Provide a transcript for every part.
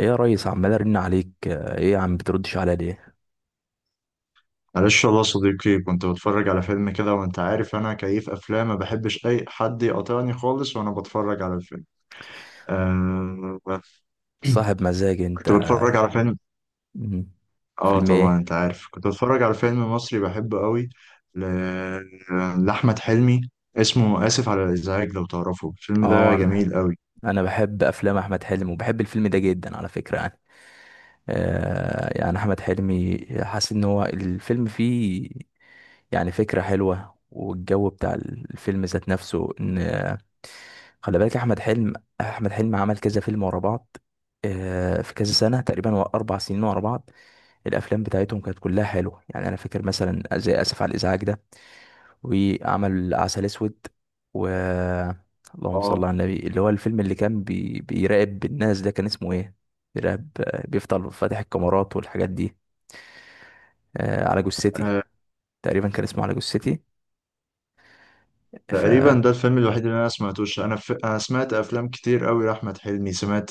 ايه يا ريس؟ عمال ارن عليك، ايه يا عم بتردش عليا ليه؟ معلش والله يا صديقي، كنت بتفرج على فيلم كده، وانت عارف انا كيف افلام، ما بحبش اي حد يقاطعني خالص وانا بتفرج على الفيلم. آه صاحب مزاج انت. كنت بتفرج على فيلم. مم. اه، فيلم طبعا ايه؟ انت عارف، كنت بتفرج على فيلم مصري بحبه قوي. ل... آه، لاحمد حلمي. اسمه اسف على الازعاج لو تعرفه، الفيلم اه، ده انا جميل قوي. أنا بحب افلام احمد حلمي وبحب الفيلم ده جدا على فكرة يعني. يعني احمد حلمي حاسس ان هو الفيلم فيه، يعني فكرة حلوة، والجو بتاع الفيلم ذات نفسه. ان خلي بالك احمد حلمي عمل كذا فيلم ورا بعض، في كذا سنة تقريبا، هو 4 سنين ورا بعض. الافلام بتاعتهم كانت كلها حلوة، يعني انا فاكر مثلا زي اسف على الازعاج ده، وعمل عسل اسود و... اللهم صل اه، على النبي، اللي هو الفيلم اللي كان بيراقب الناس ده، كان اسمه ايه؟ بيراقب، بيفضل فاتح الكاميرات والحاجات دي. على جثتي، آه، تقريبا كان اسمه على جثتي. ف. تقريبا ده الفيلم الوحيد اللي انا سمعتوش. انا سمعت افلام كتير قوي لاحمد حلمي، سمعت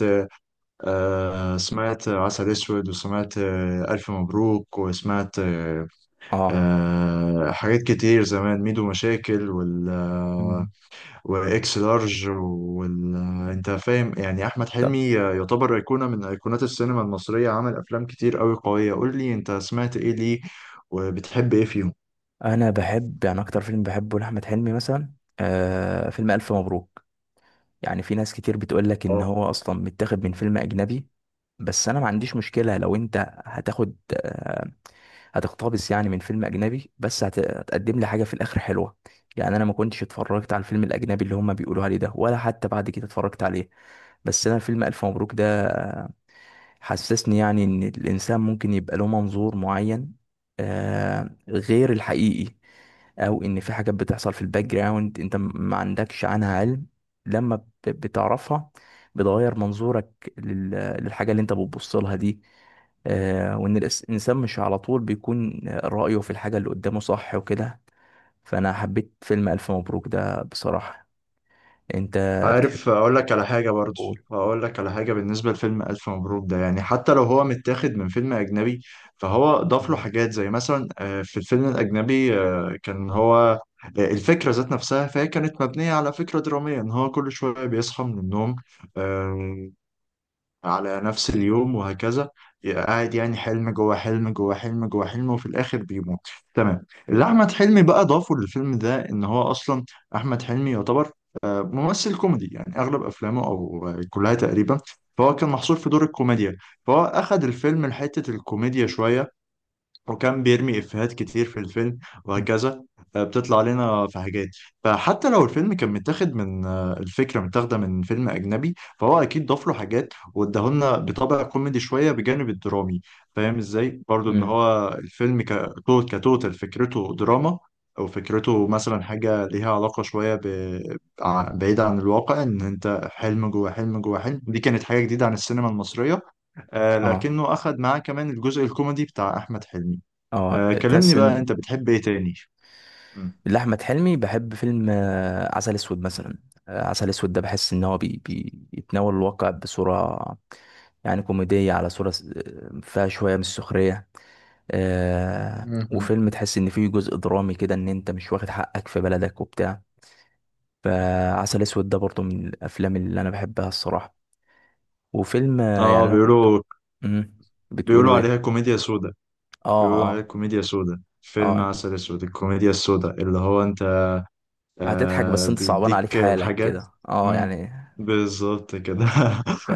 آه، سمعت عسل اسود، وسمعت الف مبروك، وسمعت اه. حاجات كتير زمان. ميدو مشاكل، وال آه، مم. واكس لارج، وال آه، انت فاهم؟ يعني احمد طب حلمي يعتبر ايقونه من ايقونات السينما المصريه، عمل افلام كتير قوي قويه. قول لي انت سمعت ايه، ليه، وبتحب ايه فيهم؟ انا بحب يعني اكتر فيلم بحبه لاحمد حلمي مثلا فيلم الف مبروك. يعني في ناس كتير بتقول لك ان هو اصلا متاخد من فيلم اجنبي، بس انا ما عنديش مشكلة لو انت هتاخد، هتقتبس يعني من فيلم اجنبي، بس هتقدم لي حاجه في الاخر حلوه. يعني انا ما كنتش اتفرجت على الفيلم الاجنبي اللي هم بيقولوا عليه ده، ولا حتى بعد كده اتفرجت عليه. بس انا فيلم الف مبروك ده حسسني يعني ان الانسان ممكن يبقى له منظور معين، غير الحقيقي، او ان في حاجات بتحصل في الباك جراوند انت ما عندكش عنها علم. لما بتعرفها بتغير منظورك للحاجة اللي انت بتبص لها دي. وان الانسان مش على طول بيكون رأيه في الحاجة اللي قدامه صح، وكده. فانا حبيت فيلم الف مبروك ده بصراحة. انت بتحب عارف، اقول لك على حاجه برضو. تقول. اقول لك على حاجه بالنسبه لفيلم الف مبروك ده. يعني حتى لو هو متاخد من فيلم اجنبي، فهو ضاف له حاجات. زي مثلا في الفيلم الاجنبي كان هو الفكره ذات نفسها، فهي كانت مبنيه على فكره دراميه ان هو كل شويه بيصحى من النوم آه، على نفس اليوم، وهكذا. قاعد يعني حلم جوه حلم جوه حلم جوه حلم، وفي الاخر بيموت. تمام. اللي احمد حلمي بقى ضافه للفيلم ده ان هو اصلا احمد حلمي يعتبر ممثل كوميدي. يعني اغلب افلامه، او كلها تقريبا، فهو كان محصور في دور الكوميديا، فهو اخد الفيلم لحتة الكوميديا شوية، وكان بيرمي إفيهات كتير في الفيلم وهكذا. بتطلع لنا في حاجات. فحتى لو الفيلم كان متاخد من الفكرة متاخدة من فيلم أجنبي، فهو أكيد ضاف له حاجات واداهولنا بطابع كوميدي شوية بجانب الدرامي. فاهم إزاي؟ برضو إن مم. هو الفيلم كتوتال فكرته دراما، أو فكرته مثلا حاجة ليها علاقة شوية بعيدة عن الواقع. إن أنت حلم جوه حلم جوه حلم، دي كانت حاجة جديدة عن السينما المصرية. اه. لكنه أخد معاه كمان الجزء الكوميدي بتاع أحمد حلمي. اه. تحس كلمني بقى، ان انت بتحب ايه تاني؟ مم. لأحمد حلمي بحب فيلم عسل أسود مثلا. عسل أسود ده بحس إن هو بيتناول الواقع بصورة يعني كوميدية، على صورة فيها شوية من السخرية. مهم. وفيلم تحس إن فيه جزء درامي كده، إن أنت مش واخد حقك في بلدك وبتاع. فعسل أسود ده برضه من الأفلام اللي أنا بحبها الصراحة. وفيلم اه، يعني أنا كنت... بيقولوا مم، بيقولوا بتقولوا عليها إيه؟ كوميديا سودا. آه، بيقولوا عليها آه. كوميديا سودا. فيلم آه عسل اسود، الكوميديا السودا، اللي هو انت هتضحك بس أنت صعبان عليك بيديك حالك الحاجات. كده، مم. يعني. بالظبط كده ف...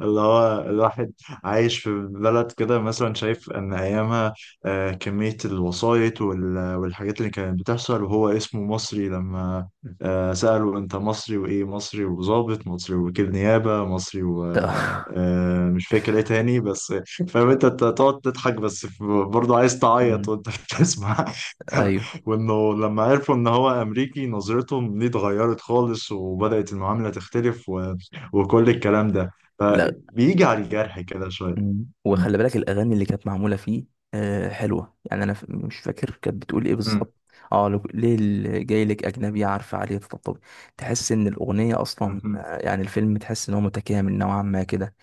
اللي هو الواحد عايش في بلد كده، مثلا شايف ان ايامها كمية الوسايط والحاجات اللي كانت بتحصل، وهو اسمه مصري لما سأله انت مصري، وايه مصري، وظابط مصري، وكيل نيابة مصري، ومش فاكر ايه تاني بس. فاهم انت؟ أنت تقعد تضحك، بس برضه عايز تعيط مم. وانت بتسمع ايوه. وانه لما عرفوا ان هو امريكي، نظرتهم ليه اتغيرت خالص، وبدأت المعاملة تختلف، وكل الكلام ده. لا. فبيجي على الجرح كده شوية. مم. مم. وخلي بالك الاغاني اللي كانت معموله فيه حلوه، يعني انا مش فاكر كانت بتقول ايه مم. بالظبط. اه، لو ليه جاي لك اجنبي عارفه عليه تطبطب. تحس ان الاغنيه اصلا، مم. يعني الفيلم تحس ان هو متكامل نوعا ما كده.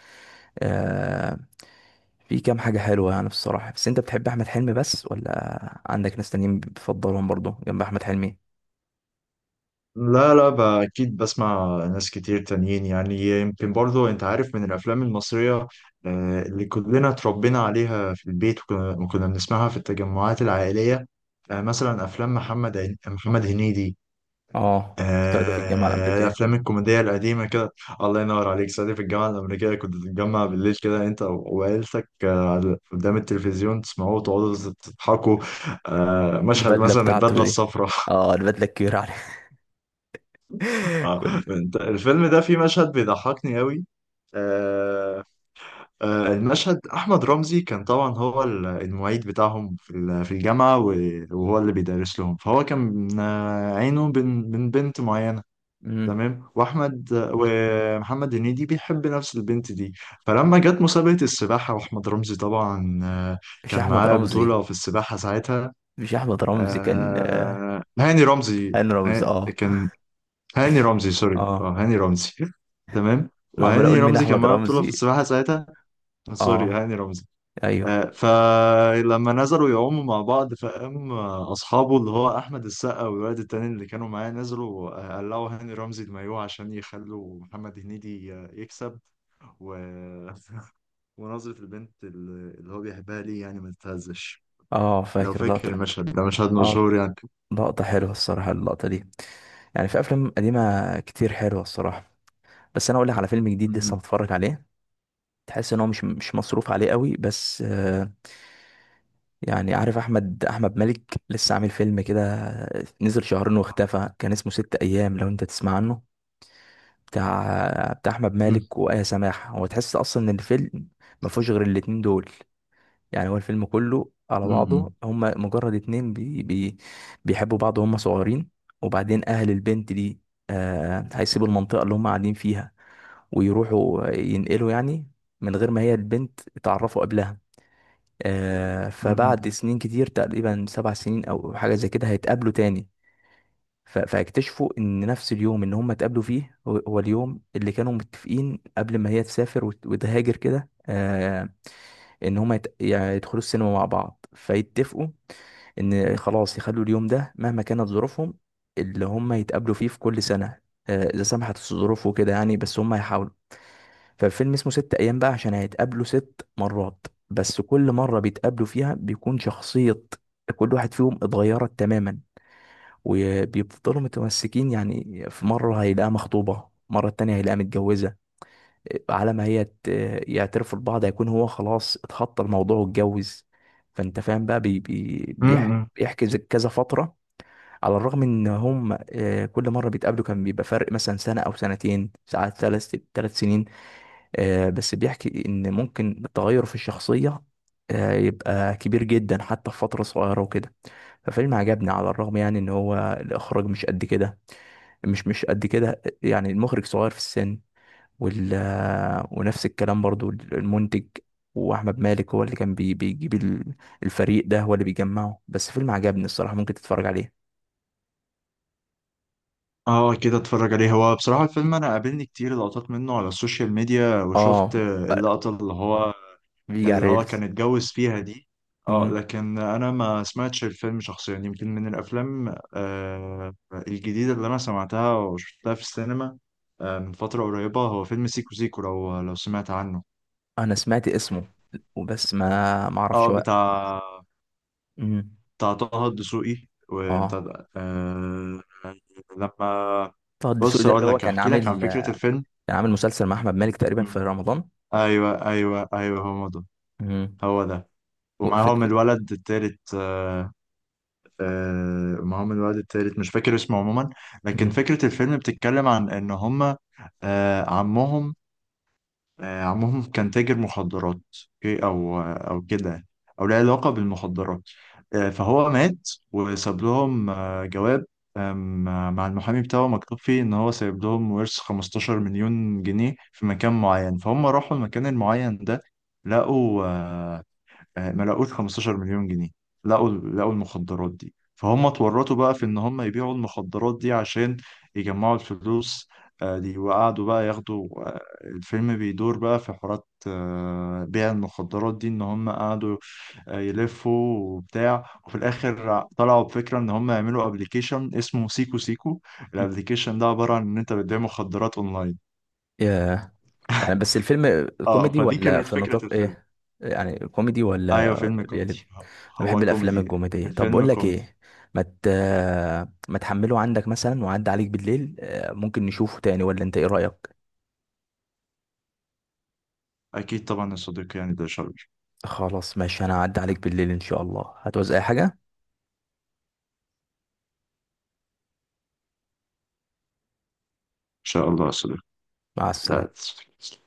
آه في كام حاجه حلوه يعني بصراحه، بس انت بتحب احمد حلمي بس، ولا عندك ناس تانيين بتفضلهم برضه جنب احمد حلمي؟ لا، لا، اكيد بسمع ناس كتير تانيين يعني. يمكن برضو انت عارف، من الافلام المصرية اللي كلنا اتربينا عليها في البيت، وكنا بنسمعها في التجمعات العائلية. مثلا افلام محمد هنيدي. اه. طلعت في الجامعه الامريكيه. الافلام الكوميديه القديمه كده. الله ينور عليك، صديق. في الجامعه الامريكيه كنت تتجمع بالليل كده انت وعيلتك قدام التلفزيون، تسمعوه وتقعدوا تضحكوا. مشهد البدله مثلا بتاعته البدله دي، الصفراء اه البدله الكبيره عليه. آه، كل. الفيلم ده فيه مشهد بيضحكني قوي. آه، المشهد، احمد رمزي كان طبعا هو المعيد بتاعهم في في الجامعه، وهو اللي بيدرس لهم. فهو كان عينه بين بين بنت معينه. مم. تمام. ومحمد هنيدي بيحب نفس البنت دي. فلما جت مسابقه السباحه، واحمد رمزي طبعا مش كان احمد معاه رمزي. بطوله في السباحه ساعتها. مش احمد رمزي، كان هاني رمزي. هاني رمزي. اه، كان هاني رمزي. سوري، اه. اه، هاني رمزي تمام، انا عمال وهاني اقول مين رمزي كان احمد معاه بطوله في رمزي. السباحه ساعتها. سوري، اه. هاني رمزي. ايوه. فلما نزلوا يعوموا مع بعض، فقام اصحابه، اللي هو احمد السقا والولد التاني اللي كانوا معاه، نزلوا قلعوا هاني رمزي المايوه عشان يخلوا محمد هنيدي يكسب. و... ونظرة البنت اللي هو بيحبها ليه، يعني ما تتهزش. اه. لو فاكر فاكر لقطة. المشهد ده، مشهد اه، مشهور يعني. لقطة حلوة الصراحة اللقطة دي. يعني في افلام قديمة كتير حلوة الصراحة. بس انا اقول لك على فيلم جديد لسه مهم. متفرج عليه، تحس ان هو مش مصروف عليه قوي، بس يعني. عارف احمد مالك؟ لسه عامل فيلم كده، نزل شهرين واختفى، كان اسمه 6 ايام لو انت تسمع عنه. بتاع احمد مهم. مالك وآية سماحة. هو تحس اصلا ان الفيلم ما فيهوش غير الاتنين دول. يعني هو الفيلم كله على مهم. بعضه هما مجرد اتنين، بي بي بيحبوا بعض وهم صغيرين. وبعدين اهل البنت دي هيسيبوا المنطقة اللي هما قاعدين فيها ويروحوا ينقلوا يعني، من غير ما هي البنت اتعرفوا قبلها. فبعد سنين كتير، تقريبا 7 سنين او حاجة زي كده، هيتقابلوا تاني. فاكتشفوا ان نفس اليوم ان هم اتقابلوا فيه، هو هو اليوم اللي كانوا متفقين قبل ما هي تسافر وتهاجر كده، ان هم يعني يدخلوا السينما مع بعض فيتفقوا ان مهم. خلاص يخلوا اليوم ده، مهما كانت ظروفهم، اللي هم يتقابلوا فيه في كل سنة، اذا سمحت الظروف وكده يعني، بس هم هيحاولوا. فالفيلم اسمه 6 ايام بقى عشان هيتقابلوا 6 مرات، بس كل مرة بيتقابلوا فيها بيكون شخصية كل واحد فيهم اتغيرت تماما، وبيفضلوا متمسكين. يعني في مرة هيلاقيها مخطوبة، مرة تانية هيلاقيها متجوزة، على ما هي يعترفوا لبعض هيكون هو خلاص اتخطى الموضوع واتجوز. فانت فاهم بقى، بي بي مهم. بيحجز كذا فترة، على الرغم ان هم كل مرة بيتقابلوا كان بيبقى فرق مثلا سنة او سنتين ساعات ثلاث سنين، بس بيحكي ان ممكن التغير في الشخصية يبقى كبير جدا حتى في فترة صغيرة وكده. ففيلم عجبني على الرغم يعني ان هو الاخراج مش قد كده، مش قد كده، يعني المخرج صغير في السن، وال ونفس الكلام برضو المنتج. واحمد مالك هو اللي كان بيجيب الفريق ده، هو اللي بيجمعه، بس فيلم عجبني الصراحة ممكن تتفرج عليه. اه، كده اتفرج عليه. هو بصراحة الفيلم انا قابلني كتير لقطات منه على السوشيال ميديا، اه، وشفت اللقطة اللي هو بيجي على اللي هو كان الريلز. اتجوز فيها دي. اه، مم. لكن انا ما سمعتش الفيلم شخصيا. يمكن من الافلام الجديده اللي انا سمعتها وشفتها في السينما من فتره قريبه، هو فيلم سيكو سيكو. لو سمعت عنه؟ انا سمعت اسمه وبس، ما اعرفش اه، هو. بتاع مم. بتاع طه الدسوقي، اه، وبتاع لما. طه الدسوقي بص، ده اللي اقول هو لك كان احكي لك عن عامل فكره الفيلم. كان عامل مسلسل مع احمد مالك تقريبا في مم. رمضان. ايوه ايوه ايوه، هو ده. امم. هو ده. ومعاهم وفكر. الولد التالت. معاهم الولد التالت، مش فاكر اسمه عموما. لكن امم. فكرة الفيلم بتتكلم عن ان هما آه، عمهم عمهم كان تاجر مخدرات. أوكي، او كده، او له علاقة بالمخدرات. فهو مات وساب لهم جواب، آم، مع المحامي بتاعه، مكتوب فيه ان هو سايب لهم ورث 15 مليون جنيه في مكان معين. فهم راحوا المكان المعين ده، لقوا آه، آه، ما لقوش 15 مليون جنيه. لقوا المخدرات دي. فهم اتورطوا بقى في ان هم يبيعوا المخدرات دي عشان يجمعوا الفلوس دي. وقعدوا بقى ياخدوا الفيلم بيدور بقى في حوارات بيع المخدرات دي. ان هم قعدوا يلفوا وبتاع، وفي الاخر طلعوا بفكرة ان هم يعملوا ابلكيشن اسمه سيكو سيكو. الابلكيشن ده عبارة عن ان انت بتبيع مخدرات اونلاين. يعني بس الفيلم اه، كوميدي فدي ولا كانت في فكرة نطاق الفيلم. ايه؟ يعني كوميدي ايوه، ولا فيلم بيقلب؟ كوميدي. انا بحب هو الافلام كوميدي. الكوميديه. طب الفيلم بقول لك كوميدي. ايه، ما مت... ما تحمله عندك مثلا وعدى عليك بالليل، ممكن نشوفه تاني ولا انت ايه رايك؟ أكيد طبعا يا صديقي، يعني ده شرف. إن خلاص ماشي، انا هعدي عليك بالليل ان شاء الله، هتعوز اي حاجه؟ شاء الله يا صديقي. مع لا، السلامه. تسلم.